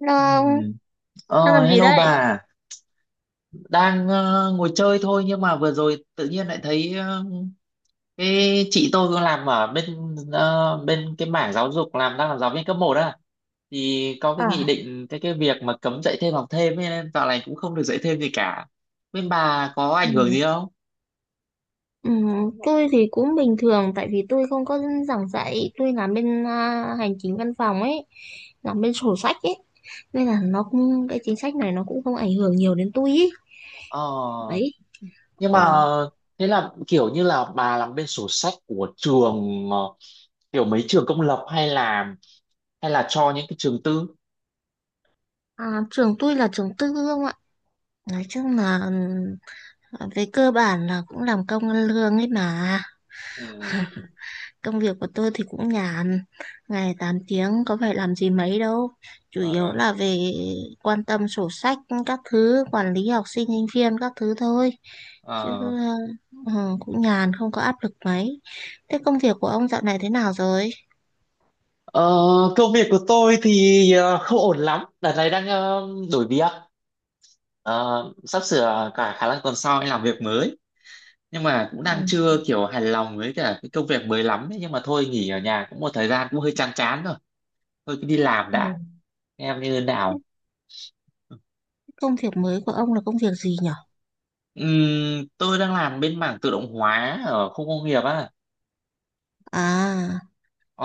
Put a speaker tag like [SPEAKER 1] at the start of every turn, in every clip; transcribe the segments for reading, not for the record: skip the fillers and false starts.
[SPEAKER 1] Long,
[SPEAKER 2] Ừm.
[SPEAKER 1] đang làm gì
[SPEAKER 2] Hello
[SPEAKER 1] đây?
[SPEAKER 2] bà, đang ngồi chơi thôi nhưng mà vừa rồi tự nhiên lại thấy cái chị tôi cũng làm ở bên cái mảng giáo dục, đang làm giáo viên cấp một á, thì có cái nghị
[SPEAKER 1] À,
[SPEAKER 2] định, cái việc mà cấm dạy thêm học thêm ấy, nên dạo này cũng không được dạy thêm gì cả. Bên bà có
[SPEAKER 1] ừ.
[SPEAKER 2] ảnh hưởng gì không?
[SPEAKER 1] Ừ, tôi thì cũng bình thường tại vì tôi không có giảng dạy, tôi làm bên hành chính văn phòng ấy, làm bên sổ sách ấy. Nên là nó cũng cái chính sách này nó cũng không ảnh hưởng nhiều đến tôi ý.
[SPEAKER 2] Ờ,
[SPEAKER 1] Đấy.
[SPEAKER 2] nhưng
[SPEAKER 1] Ờ.
[SPEAKER 2] mà thế là kiểu như là bà làm bên sổ sách của trường, kiểu mấy trường công lập hay là cho những cái trường tư?
[SPEAKER 1] À, trường tôi là trường tư không ạ? Nói chung là về cơ bản là cũng làm công ăn lương ấy mà.
[SPEAKER 2] Ừ.
[SPEAKER 1] Công việc của tôi thì cũng nhàn, ngày 8 tiếng có phải làm gì mấy đâu. Chủ yếu
[SPEAKER 2] À.
[SPEAKER 1] là về quan tâm sổ sách các thứ, quản lý học sinh, sinh viên các thứ thôi. Chứ
[SPEAKER 2] À.
[SPEAKER 1] Cũng nhàn, không có áp lực mấy. Thế công việc của ông dạo này thế nào rồi?
[SPEAKER 2] Ờ, công việc của tôi thì không ổn lắm. Đợt này đang đổi việc. Ờ, sắp sửa, cả khả năng tuần sau anh làm việc mới. Nhưng mà cũng
[SPEAKER 1] Ừ.
[SPEAKER 2] đang chưa kiểu hài lòng với cả cái công việc mới lắm ấy. Nhưng mà thôi, nghỉ ở nhà cũng một thời gian cũng hơi chán chán rồi. Thôi cứ đi làm
[SPEAKER 1] Ồ.
[SPEAKER 2] đã. Em như thế nào?
[SPEAKER 1] Công việc mới của ông là công việc gì nhở?
[SPEAKER 2] Tôi đang làm bên mảng tự động hóa ở khu công nghiệp á.
[SPEAKER 1] À,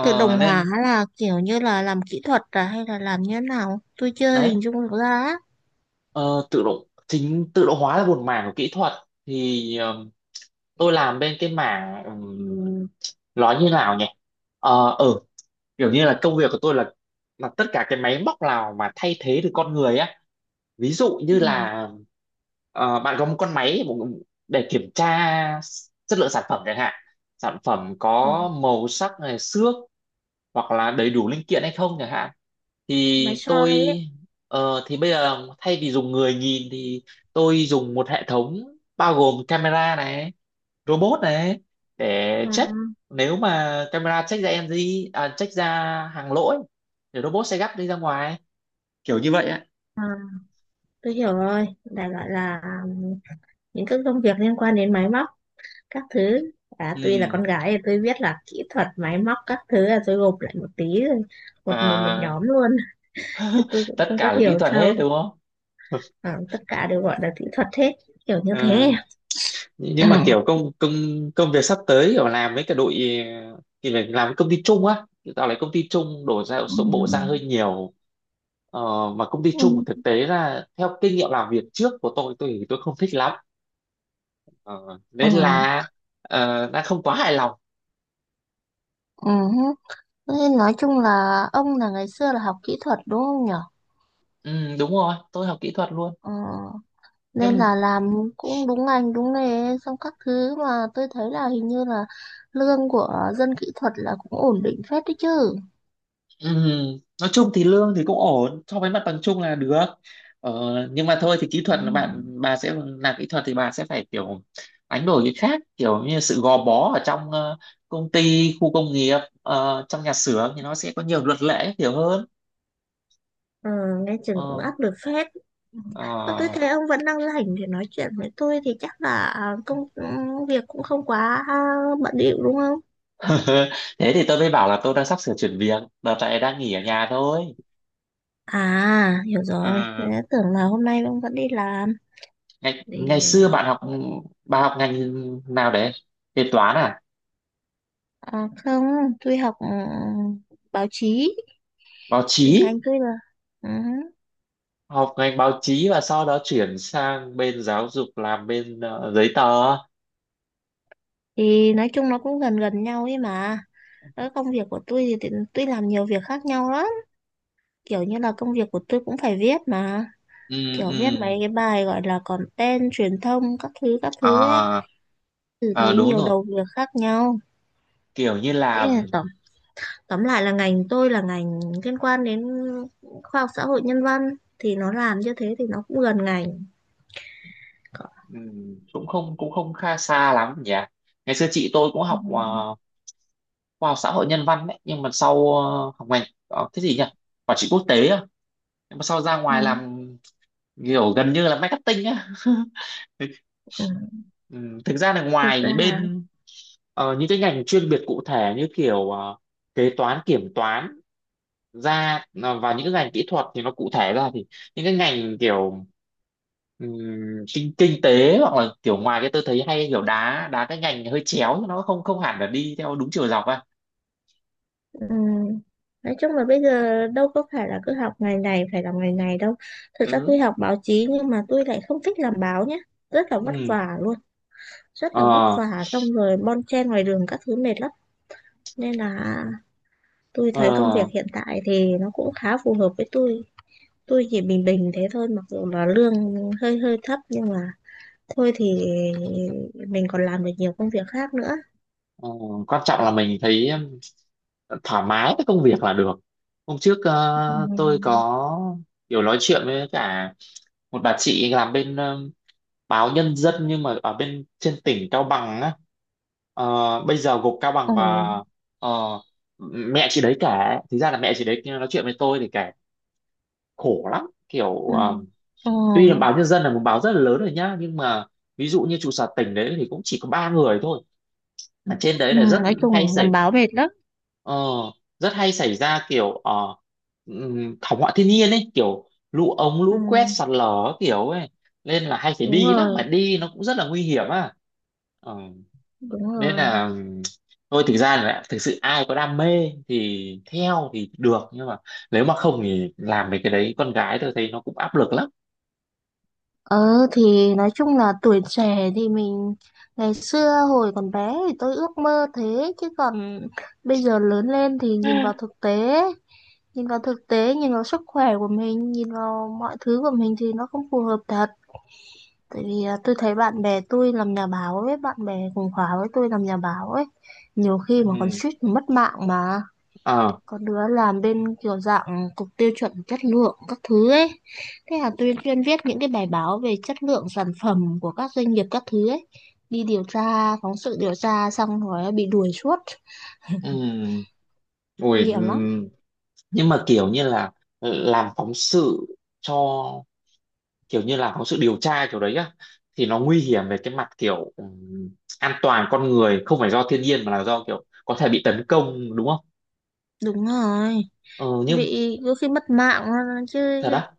[SPEAKER 1] tự động hóa
[SPEAKER 2] Nên
[SPEAKER 1] là kiểu như là làm kỹ thuật à hay là làm như thế nào? Tôi chưa
[SPEAKER 2] đấy,
[SPEAKER 1] hình dung được ra á.
[SPEAKER 2] Ờ, tự động chính tự động hóa là một mảng của kỹ thuật. Thì tôi làm bên cái mảng, nói như nào nhỉ, ờ ừ, kiểu như là công việc của tôi là tất cả cái máy móc nào mà thay thế được con người á. Ví dụ
[SPEAKER 1] Ừ.
[SPEAKER 2] như là bạn có một con máy để kiểm tra chất lượng sản phẩm chẳng hạn, sản phẩm
[SPEAKER 1] ờ,
[SPEAKER 2] có màu sắc này xước hoặc là đầy đủ linh kiện hay không chẳng hạn,
[SPEAKER 1] Máy
[SPEAKER 2] thì
[SPEAKER 1] soi ấy.
[SPEAKER 2] thì bây giờ thay vì dùng người nhìn thì tôi dùng một hệ thống bao gồm camera này, robot này, để check. Nếu mà camera check ra NG, à, check ra hàng lỗi thì robot sẽ gắp đi ra ngoài, kiểu như vậy ạ.
[SPEAKER 1] À, tôi hiểu rồi, đại loại là những cái công việc liên quan đến máy móc, các thứ. À, tuy là
[SPEAKER 2] Ừ.
[SPEAKER 1] con gái thì tôi biết là kỹ thuật máy móc các thứ là tôi gộp lại một tí rồi, một một một
[SPEAKER 2] À,
[SPEAKER 1] nhóm luôn. Chứ tôi cũng
[SPEAKER 2] tất
[SPEAKER 1] không có
[SPEAKER 2] cả là kỹ
[SPEAKER 1] hiểu
[SPEAKER 2] thuật
[SPEAKER 1] sâu.
[SPEAKER 2] hết đúng không?
[SPEAKER 1] À, tất cả đều gọi là kỹ thuật hết, kiểu như
[SPEAKER 2] Ừ.
[SPEAKER 1] thế. Ừ.
[SPEAKER 2] Nhưng mà kiểu, công công công việc sắp tới ở làm với cả đội, thì phải làm với công ty chung á, tạo lại công ty chung đổ ra số bộ ra
[SPEAKER 1] Ừ.
[SPEAKER 2] hơi nhiều. Ờ, mà công ty chung
[SPEAKER 1] Ừ.
[SPEAKER 2] thực tế là theo kinh nghiệm làm việc trước của tôi thì tôi không thích lắm. Ờ, nên là, đã không quá hài lòng.
[SPEAKER 1] Ừ. Ừ. Thế nói chung là ông là ngày xưa là học kỹ thuật đúng không nhở?
[SPEAKER 2] Ừ, đúng rồi, tôi học kỹ thuật luôn.
[SPEAKER 1] Ừ. Nên
[SPEAKER 2] Nhưng...
[SPEAKER 1] là làm cũng đúng ngành đúng nghề xong các thứ mà tôi thấy là hình như là lương của dân kỹ thuật là cũng ổn định phết đấy chứ.
[SPEAKER 2] Ừ, nói chung thì lương thì cũng ổn, so với mặt bằng chung là được. Ờ, nhưng mà thôi thì, kỹ
[SPEAKER 1] Ừ.
[SPEAKER 2] thuật là bà sẽ làm kỹ thuật, thì bà sẽ phải kiểu đánh đổi cái khác, kiểu như sự gò bó ở trong, công ty khu công nghiệp, trong nhà xưởng thì nó sẽ có nhiều luật lệ hiểu hơn.
[SPEAKER 1] Ờ, nghe chừng cũng
[SPEAKER 2] ờ,
[SPEAKER 1] áp lực phết.
[SPEAKER 2] ờ.
[SPEAKER 1] Mà tôi thấy ông vẫn đang rảnh để nói chuyện với tôi thì chắc là công việc cũng không quá bận rộn đúng không?
[SPEAKER 2] Thế thì tôi mới bảo là tôi đang sắp sửa chuyển việc, đợt này đang nghỉ ở nhà thôi.
[SPEAKER 1] À, hiểu rồi. Thế
[SPEAKER 2] Ờ,
[SPEAKER 1] tưởng là hôm nay ông vẫn đi làm.
[SPEAKER 2] ngày
[SPEAKER 1] Để
[SPEAKER 2] ngày xưa bạn học bà học ngành nào đấy? Kế toán à?
[SPEAKER 1] không, tôi học báo chí,
[SPEAKER 2] Báo
[SPEAKER 1] thì
[SPEAKER 2] chí.
[SPEAKER 1] ngành tôi là. Ừ.
[SPEAKER 2] Học ngành báo chí và sau đó chuyển sang bên giáo dục, làm bên giấy tờ.
[SPEAKER 1] Thì nói chung nó cũng gần gần nhau ấy mà, cái công việc của tôi thì tôi làm nhiều việc khác nhau lắm, kiểu như là công việc của tôi cũng phải viết mà,
[SPEAKER 2] Ừ.
[SPEAKER 1] kiểu
[SPEAKER 2] Ừ.
[SPEAKER 1] viết mấy cái bài gọi là content truyền thông các thứ ấy,
[SPEAKER 2] À.
[SPEAKER 1] xử
[SPEAKER 2] ờ,
[SPEAKER 1] lý
[SPEAKER 2] đúng
[SPEAKER 1] nhiều
[SPEAKER 2] rồi,
[SPEAKER 1] đầu việc khác nhau.
[SPEAKER 2] kiểu như
[SPEAKER 1] Thế
[SPEAKER 2] là.
[SPEAKER 1] là tóm tóm lại là ngành tôi là ngành liên quan đến khoa học xã hội nhân văn, thì nó làm như thế thì nó cũng gần ngành. Có-
[SPEAKER 2] Ừ, cũng không kha xa lắm nhỉ. Ngày xưa chị tôi cũng
[SPEAKER 1] ừ.
[SPEAKER 2] học khoa học xã hội nhân văn đấy, nhưng mà sau học ngành, cái gì nhỉ, quản trị quốc tế à, nhưng mà sau ra
[SPEAKER 1] Ừ.
[SPEAKER 2] ngoài làm kiểu gần như là marketing á.
[SPEAKER 1] Ừ.
[SPEAKER 2] Ừ, thực ra là
[SPEAKER 1] Thực ra
[SPEAKER 2] ngoài
[SPEAKER 1] là.
[SPEAKER 2] bên... Những cái ngành chuyên biệt cụ thể như kiểu kế toán kiểm toán ra, và những cái ngành kỹ thuật thì nó cụ thể ra thì những cái ngành kiểu, ừm, kinh kinh tế hoặc là kiểu ngoài, cái tôi thấy hay kiểu đá đá cái ngành hơi chéo, nó không không hẳn là đi theo đúng chiều dọc à.
[SPEAKER 1] Ừ. Nói chung là bây giờ đâu có phải là cứ học ngày này phải làm ngày này đâu. Thực ra
[SPEAKER 2] Ừ.
[SPEAKER 1] tôi học báo chí nhưng mà tôi lại không thích làm báo nhé. Rất là vất
[SPEAKER 2] Ừ.
[SPEAKER 1] vả luôn, rất
[SPEAKER 2] Ờ.
[SPEAKER 1] là vất vả xong rồi bon chen ngoài đường các thứ mệt lắm. Nên là tôi thấy công
[SPEAKER 2] ờ
[SPEAKER 1] việc hiện tại thì nó cũng khá phù hợp với tôi. Tôi chỉ bình bình thế thôi mặc dù là lương hơi hơi thấp nhưng mà thôi thì mình còn làm được nhiều công việc khác nữa.
[SPEAKER 2] ờ, quan trọng là mình thấy thoải mái với công việc là được. Hôm trước tôi
[SPEAKER 1] Ừ.
[SPEAKER 2] có kiểu nói chuyện với cả một bà chị làm bên báo Nhân Dân, nhưng mà ở bên trên tỉnh Cao Bằng á, ờ, bây giờ gục Cao Bằng
[SPEAKER 1] Ờ.
[SPEAKER 2] và, ờ, mẹ chị đấy kể. Thực ra là mẹ chị đấy nói chuyện với tôi thì kể khổ lắm, kiểu
[SPEAKER 1] Ừ. Ờ.
[SPEAKER 2] tuy là báo Nhân Dân là một báo rất là lớn rồi nhá, nhưng mà ví dụ như trụ sở tỉnh đấy thì cũng chỉ có ba người thôi, mà trên đấy
[SPEAKER 1] Ừ.
[SPEAKER 2] là rất
[SPEAKER 1] Nói
[SPEAKER 2] hay
[SPEAKER 1] chung làm
[SPEAKER 2] xảy
[SPEAKER 1] báo mệt lắm.
[SPEAKER 2] Ờ, hay xảy ra kiểu, thảm họa thiên nhiên ấy, kiểu lũ ống,
[SPEAKER 1] Ừ,
[SPEAKER 2] lũ quét, sạt lở các kiểu ấy, nên là hay phải
[SPEAKER 1] đúng
[SPEAKER 2] đi lắm, mà
[SPEAKER 1] rồi,
[SPEAKER 2] đi nó cũng rất là nguy hiểm à. Ờ,
[SPEAKER 1] đúng
[SPEAKER 2] nên
[SPEAKER 1] rồi.
[SPEAKER 2] là, thôi, thực ra là thực sự ai có đam mê thì theo thì được, nhưng mà nếu mà không thì làm mấy cái đấy con gái tôi thấy nó cũng áp lực lắm.
[SPEAKER 1] Ờ thì nói chung là tuổi trẻ thì mình ngày xưa hồi còn bé thì tôi ước mơ thế chứ còn bây giờ lớn lên thì nhìn vào thực tế, nhìn vào thực tế, nhìn vào sức khỏe của mình, nhìn vào mọi thứ của mình thì nó không phù hợp thật. Tại vì tôi thấy bạn bè tôi làm nhà báo ấy, bạn bè cùng khóa với tôi làm nhà báo ấy, nhiều khi mà còn
[SPEAKER 2] Ừm,
[SPEAKER 1] suýt mất mạng mà.
[SPEAKER 2] ờ,
[SPEAKER 1] Có đứa làm bên kiểu dạng cục tiêu chuẩn chất lượng các thứ ấy, thế là tôi chuyên viết những cái bài báo về chất lượng sản phẩm của các doanh nghiệp các thứ ấy, đi điều tra phóng sự điều tra xong rồi bị đuổi suốt.
[SPEAKER 2] ừm,
[SPEAKER 1] Nguy
[SPEAKER 2] ôi,
[SPEAKER 1] hiểm lắm.
[SPEAKER 2] ừm, nhưng mà kiểu như là làm phóng sự cho kiểu như là có sự điều tra kiểu đấy á, thì nó nguy hiểm về cái mặt kiểu an toàn con người, không phải do thiên nhiên mà là do kiểu có thể bị tấn công, đúng không?
[SPEAKER 1] Đúng rồi,
[SPEAKER 2] Ừ, nhưng
[SPEAKER 1] bị có khi mất mạng chứ.
[SPEAKER 2] thật á?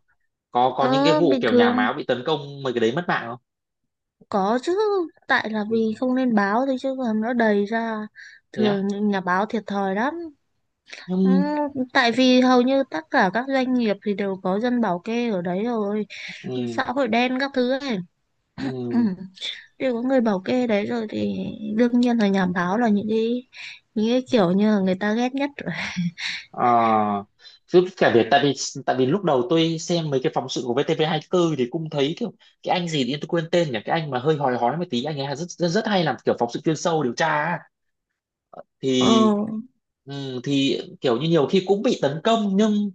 [SPEAKER 2] Có những cái
[SPEAKER 1] ờ,
[SPEAKER 2] vụ
[SPEAKER 1] Bình
[SPEAKER 2] kiểu nhà
[SPEAKER 1] thường
[SPEAKER 2] báo bị tấn công mấy cái đấy mất mạng không?
[SPEAKER 1] có chứ, tại là
[SPEAKER 2] Ừ.
[SPEAKER 1] vì không lên báo thôi chứ còn nó đầy ra.
[SPEAKER 2] Thế á?
[SPEAKER 1] Thường những nhà báo thiệt thòi lắm. Ừ,
[SPEAKER 2] Nhưng,
[SPEAKER 1] tại vì hầu như tất cả các doanh nghiệp thì đều có dân bảo kê ở đấy rồi,
[SPEAKER 2] ừ,
[SPEAKER 1] xã hội đen các thứ ấy. Ừ.
[SPEAKER 2] ừ,
[SPEAKER 1] Đều có người bảo kê đấy rồi thì đương nhiên là nhà báo là những cái kiểu như là người ta ghét nhất rồi.
[SPEAKER 2] ờ, chứ cả việc, tại vì lúc đầu tôi xem mấy cái phóng sự của VTV24 thì cũng thấy kiểu, cái anh gì đi tôi quên tên nhỉ, cái anh mà hơi hói hói một tí, anh ấy rất rất, rất hay làm kiểu phóng sự chuyên sâu điều tra á,
[SPEAKER 1] Ờ.
[SPEAKER 2] thì thì kiểu như nhiều khi cũng bị tấn công, nhưng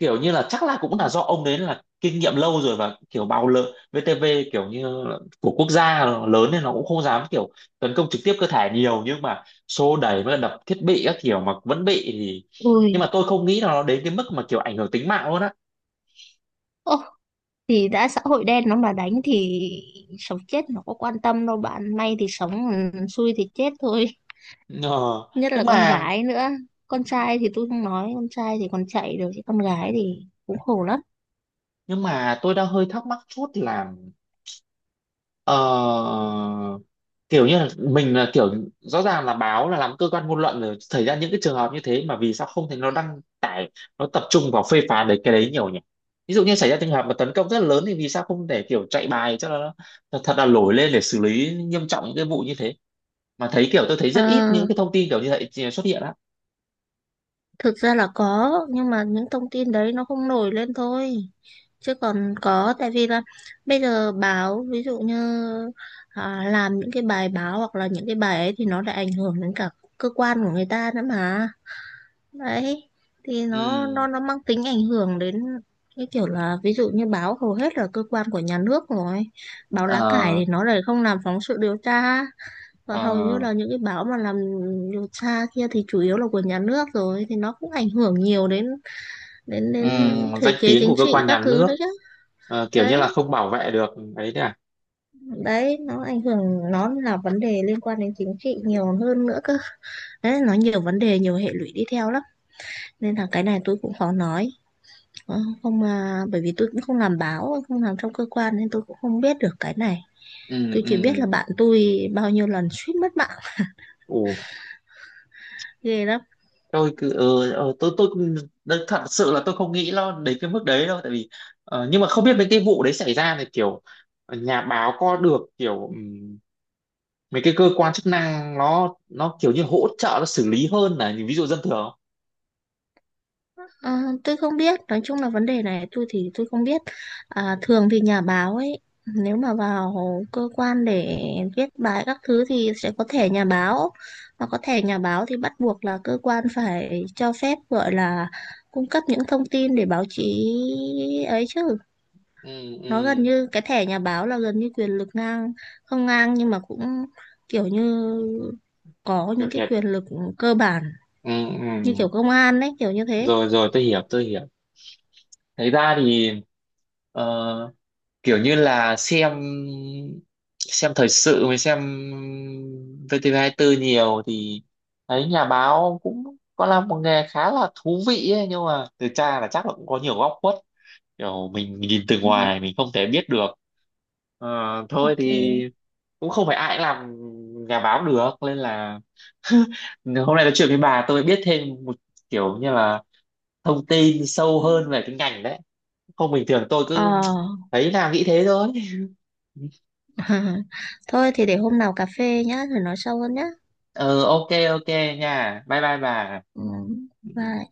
[SPEAKER 2] kiểu như là chắc là cũng là do ông đấy là kinh nghiệm lâu rồi và kiểu bào lợ VTV, kiểu như là của quốc gia lớn, nên nó cũng không dám kiểu tấn công trực tiếp cơ thể nhiều, nhưng mà xô đẩy với đập thiết bị các kiểu mà vẫn bị thì, nhưng
[SPEAKER 1] Ui.
[SPEAKER 2] mà tôi không nghĩ là nó đến cái mức mà kiểu ảnh hưởng tính mạng luôn á.
[SPEAKER 1] Ô, thì đã xã hội đen nó mà đánh thì sống chết nó có quan tâm đâu, bạn may thì sống, ừ, xui thì chết thôi.
[SPEAKER 2] Ờ,
[SPEAKER 1] Nhất
[SPEAKER 2] nhưng
[SPEAKER 1] là con
[SPEAKER 2] mà
[SPEAKER 1] gái nữa. Con trai thì tôi không nói, con trai thì còn chạy được chứ con gái thì cũng khổ lắm.
[SPEAKER 2] nhưng mà tôi đang hơi thắc mắc chút là, ờ, kiểu như là mình là kiểu, rõ ràng là báo là làm cơ quan ngôn luận rồi, xảy ra những cái trường hợp như thế mà vì sao không thấy nó đăng tải, nó tập trung vào phê phán đấy cái đấy nhiều nhỉ. Ví dụ như xảy ra trường hợp mà tấn công rất là lớn thì vì sao không để kiểu chạy bài cho nó thật, thật là nổi lên để xử lý nghiêm trọng những cái vụ như thế, mà thấy kiểu tôi thấy
[SPEAKER 1] Ờ,
[SPEAKER 2] rất ít những cái thông tin kiểu như vậy xuất hiện á.
[SPEAKER 1] thực ra là có nhưng mà những thông tin đấy nó không nổi lên thôi, chứ còn có tại vì là bây giờ báo ví dụ như làm những cái bài báo hoặc là những cái bài ấy thì nó lại ảnh hưởng đến cả cơ quan của người ta nữa mà. Đấy, thì nó
[SPEAKER 2] Ừ.
[SPEAKER 1] nó nó mang tính ảnh hưởng đến cái kiểu là ví dụ như báo hầu hết là cơ quan của nhà nước rồi, báo
[SPEAKER 2] ờ,
[SPEAKER 1] lá cải thì nó lại không làm phóng sự điều tra,
[SPEAKER 2] ờ,
[SPEAKER 1] còn hầu như là những cái báo mà làm điều tra kia thì chủ yếu là của nhà nước rồi thì nó cũng ảnh hưởng nhiều đến đến đến
[SPEAKER 2] ừm,
[SPEAKER 1] thể
[SPEAKER 2] danh
[SPEAKER 1] chế
[SPEAKER 2] tiếng
[SPEAKER 1] chính
[SPEAKER 2] của cơ
[SPEAKER 1] trị
[SPEAKER 2] quan nhà
[SPEAKER 1] các thứ
[SPEAKER 2] nước.
[SPEAKER 1] đấy chứ.
[SPEAKER 2] Kiểu như
[SPEAKER 1] Đấy,
[SPEAKER 2] là không bảo vệ được. Đấy đấy à?
[SPEAKER 1] đấy nó ảnh hưởng, nó là vấn đề liên quan đến chính trị nhiều hơn nữa cơ. Đấy nó nhiều vấn đề nhiều hệ lụy đi theo lắm. Nên là cái này tôi cũng khó nói. Ờ, không mà bởi vì tôi cũng không làm báo, không làm trong cơ quan nên tôi cũng không biết được cái này. Tôi chỉ biết
[SPEAKER 2] Ừ.
[SPEAKER 1] là bạn tôi bao nhiêu lần suýt mất mạng,
[SPEAKER 2] Ừ.
[SPEAKER 1] ghê lắm.
[SPEAKER 2] tôi cứ ừ, ừ, tôi cũng- Đấy, thật sự là tôi không nghĩ nó đến cái mức đấy đâu, tại vì nhưng mà không biết mấy cái vụ đấy xảy ra thì kiểu, nhà báo có được kiểu, mấy cái cơ quan chức năng nó kiểu như hỗ trợ nó xử lý hơn là những ví dụ dân thường không?
[SPEAKER 1] À, tôi không biết, nói chung là vấn đề này tôi không biết. À, thường thì nhà báo ấy, nếu mà vào cơ quan để viết bài các thứ thì sẽ có thẻ nhà báo. Mà có thẻ nhà báo thì bắt buộc là cơ quan phải cho phép gọi là cung cấp những thông tin để báo chí ấy chứ.
[SPEAKER 2] Ừ.
[SPEAKER 1] Nó gần
[SPEAKER 2] Ừ.
[SPEAKER 1] như cái thẻ nhà báo là gần như quyền lực ngang, không ngang nhưng mà cũng kiểu như có
[SPEAKER 2] Kiểu
[SPEAKER 1] những cái
[SPEAKER 2] thiệt.
[SPEAKER 1] quyền lực cơ bản
[SPEAKER 2] Ừ.
[SPEAKER 1] như
[SPEAKER 2] Ừ.
[SPEAKER 1] kiểu công an đấy, kiểu như thế.
[SPEAKER 2] Rồi rồi, tôi hiểu tôi hiểu. Thế ra thì ờ, kiểu như là xem thời sự mới, xem VTV24 nhiều thì thấy nhà báo cũng có là một nghề khá là thú vị ấy, nhưng mà từ cha là chắc là cũng có nhiều góc khuất, kiểu mình nhìn từ
[SPEAKER 1] Ừ,
[SPEAKER 2] ngoài mình không thể biết được. Ờ, thôi
[SPEAKER 1] ok.
[SPEAKER 2] thì cũng không phải ai cũng làm nhà báo được nên là... Hôm nay nói chuyện với bà tôi biết thêm một, kiểu như là, thông tin sâu hơn về cái ngành đấy, không bình thường tôi cứ
[SPEAKER 1] Ờ.
[SPEAKER 2] thấy là nghĩ thế thôi.
[SPEAKER 1] Thôi thì để hôm nào cà phê nhá, rồi nói sâu hơn nhá.
[SPEAKER 2] Ờ ok ok nha, bye bye bà.
[SPEAKER 1] Ừ,
[SPEAKER 2] Ừ.
[SPEAKER 1] bye.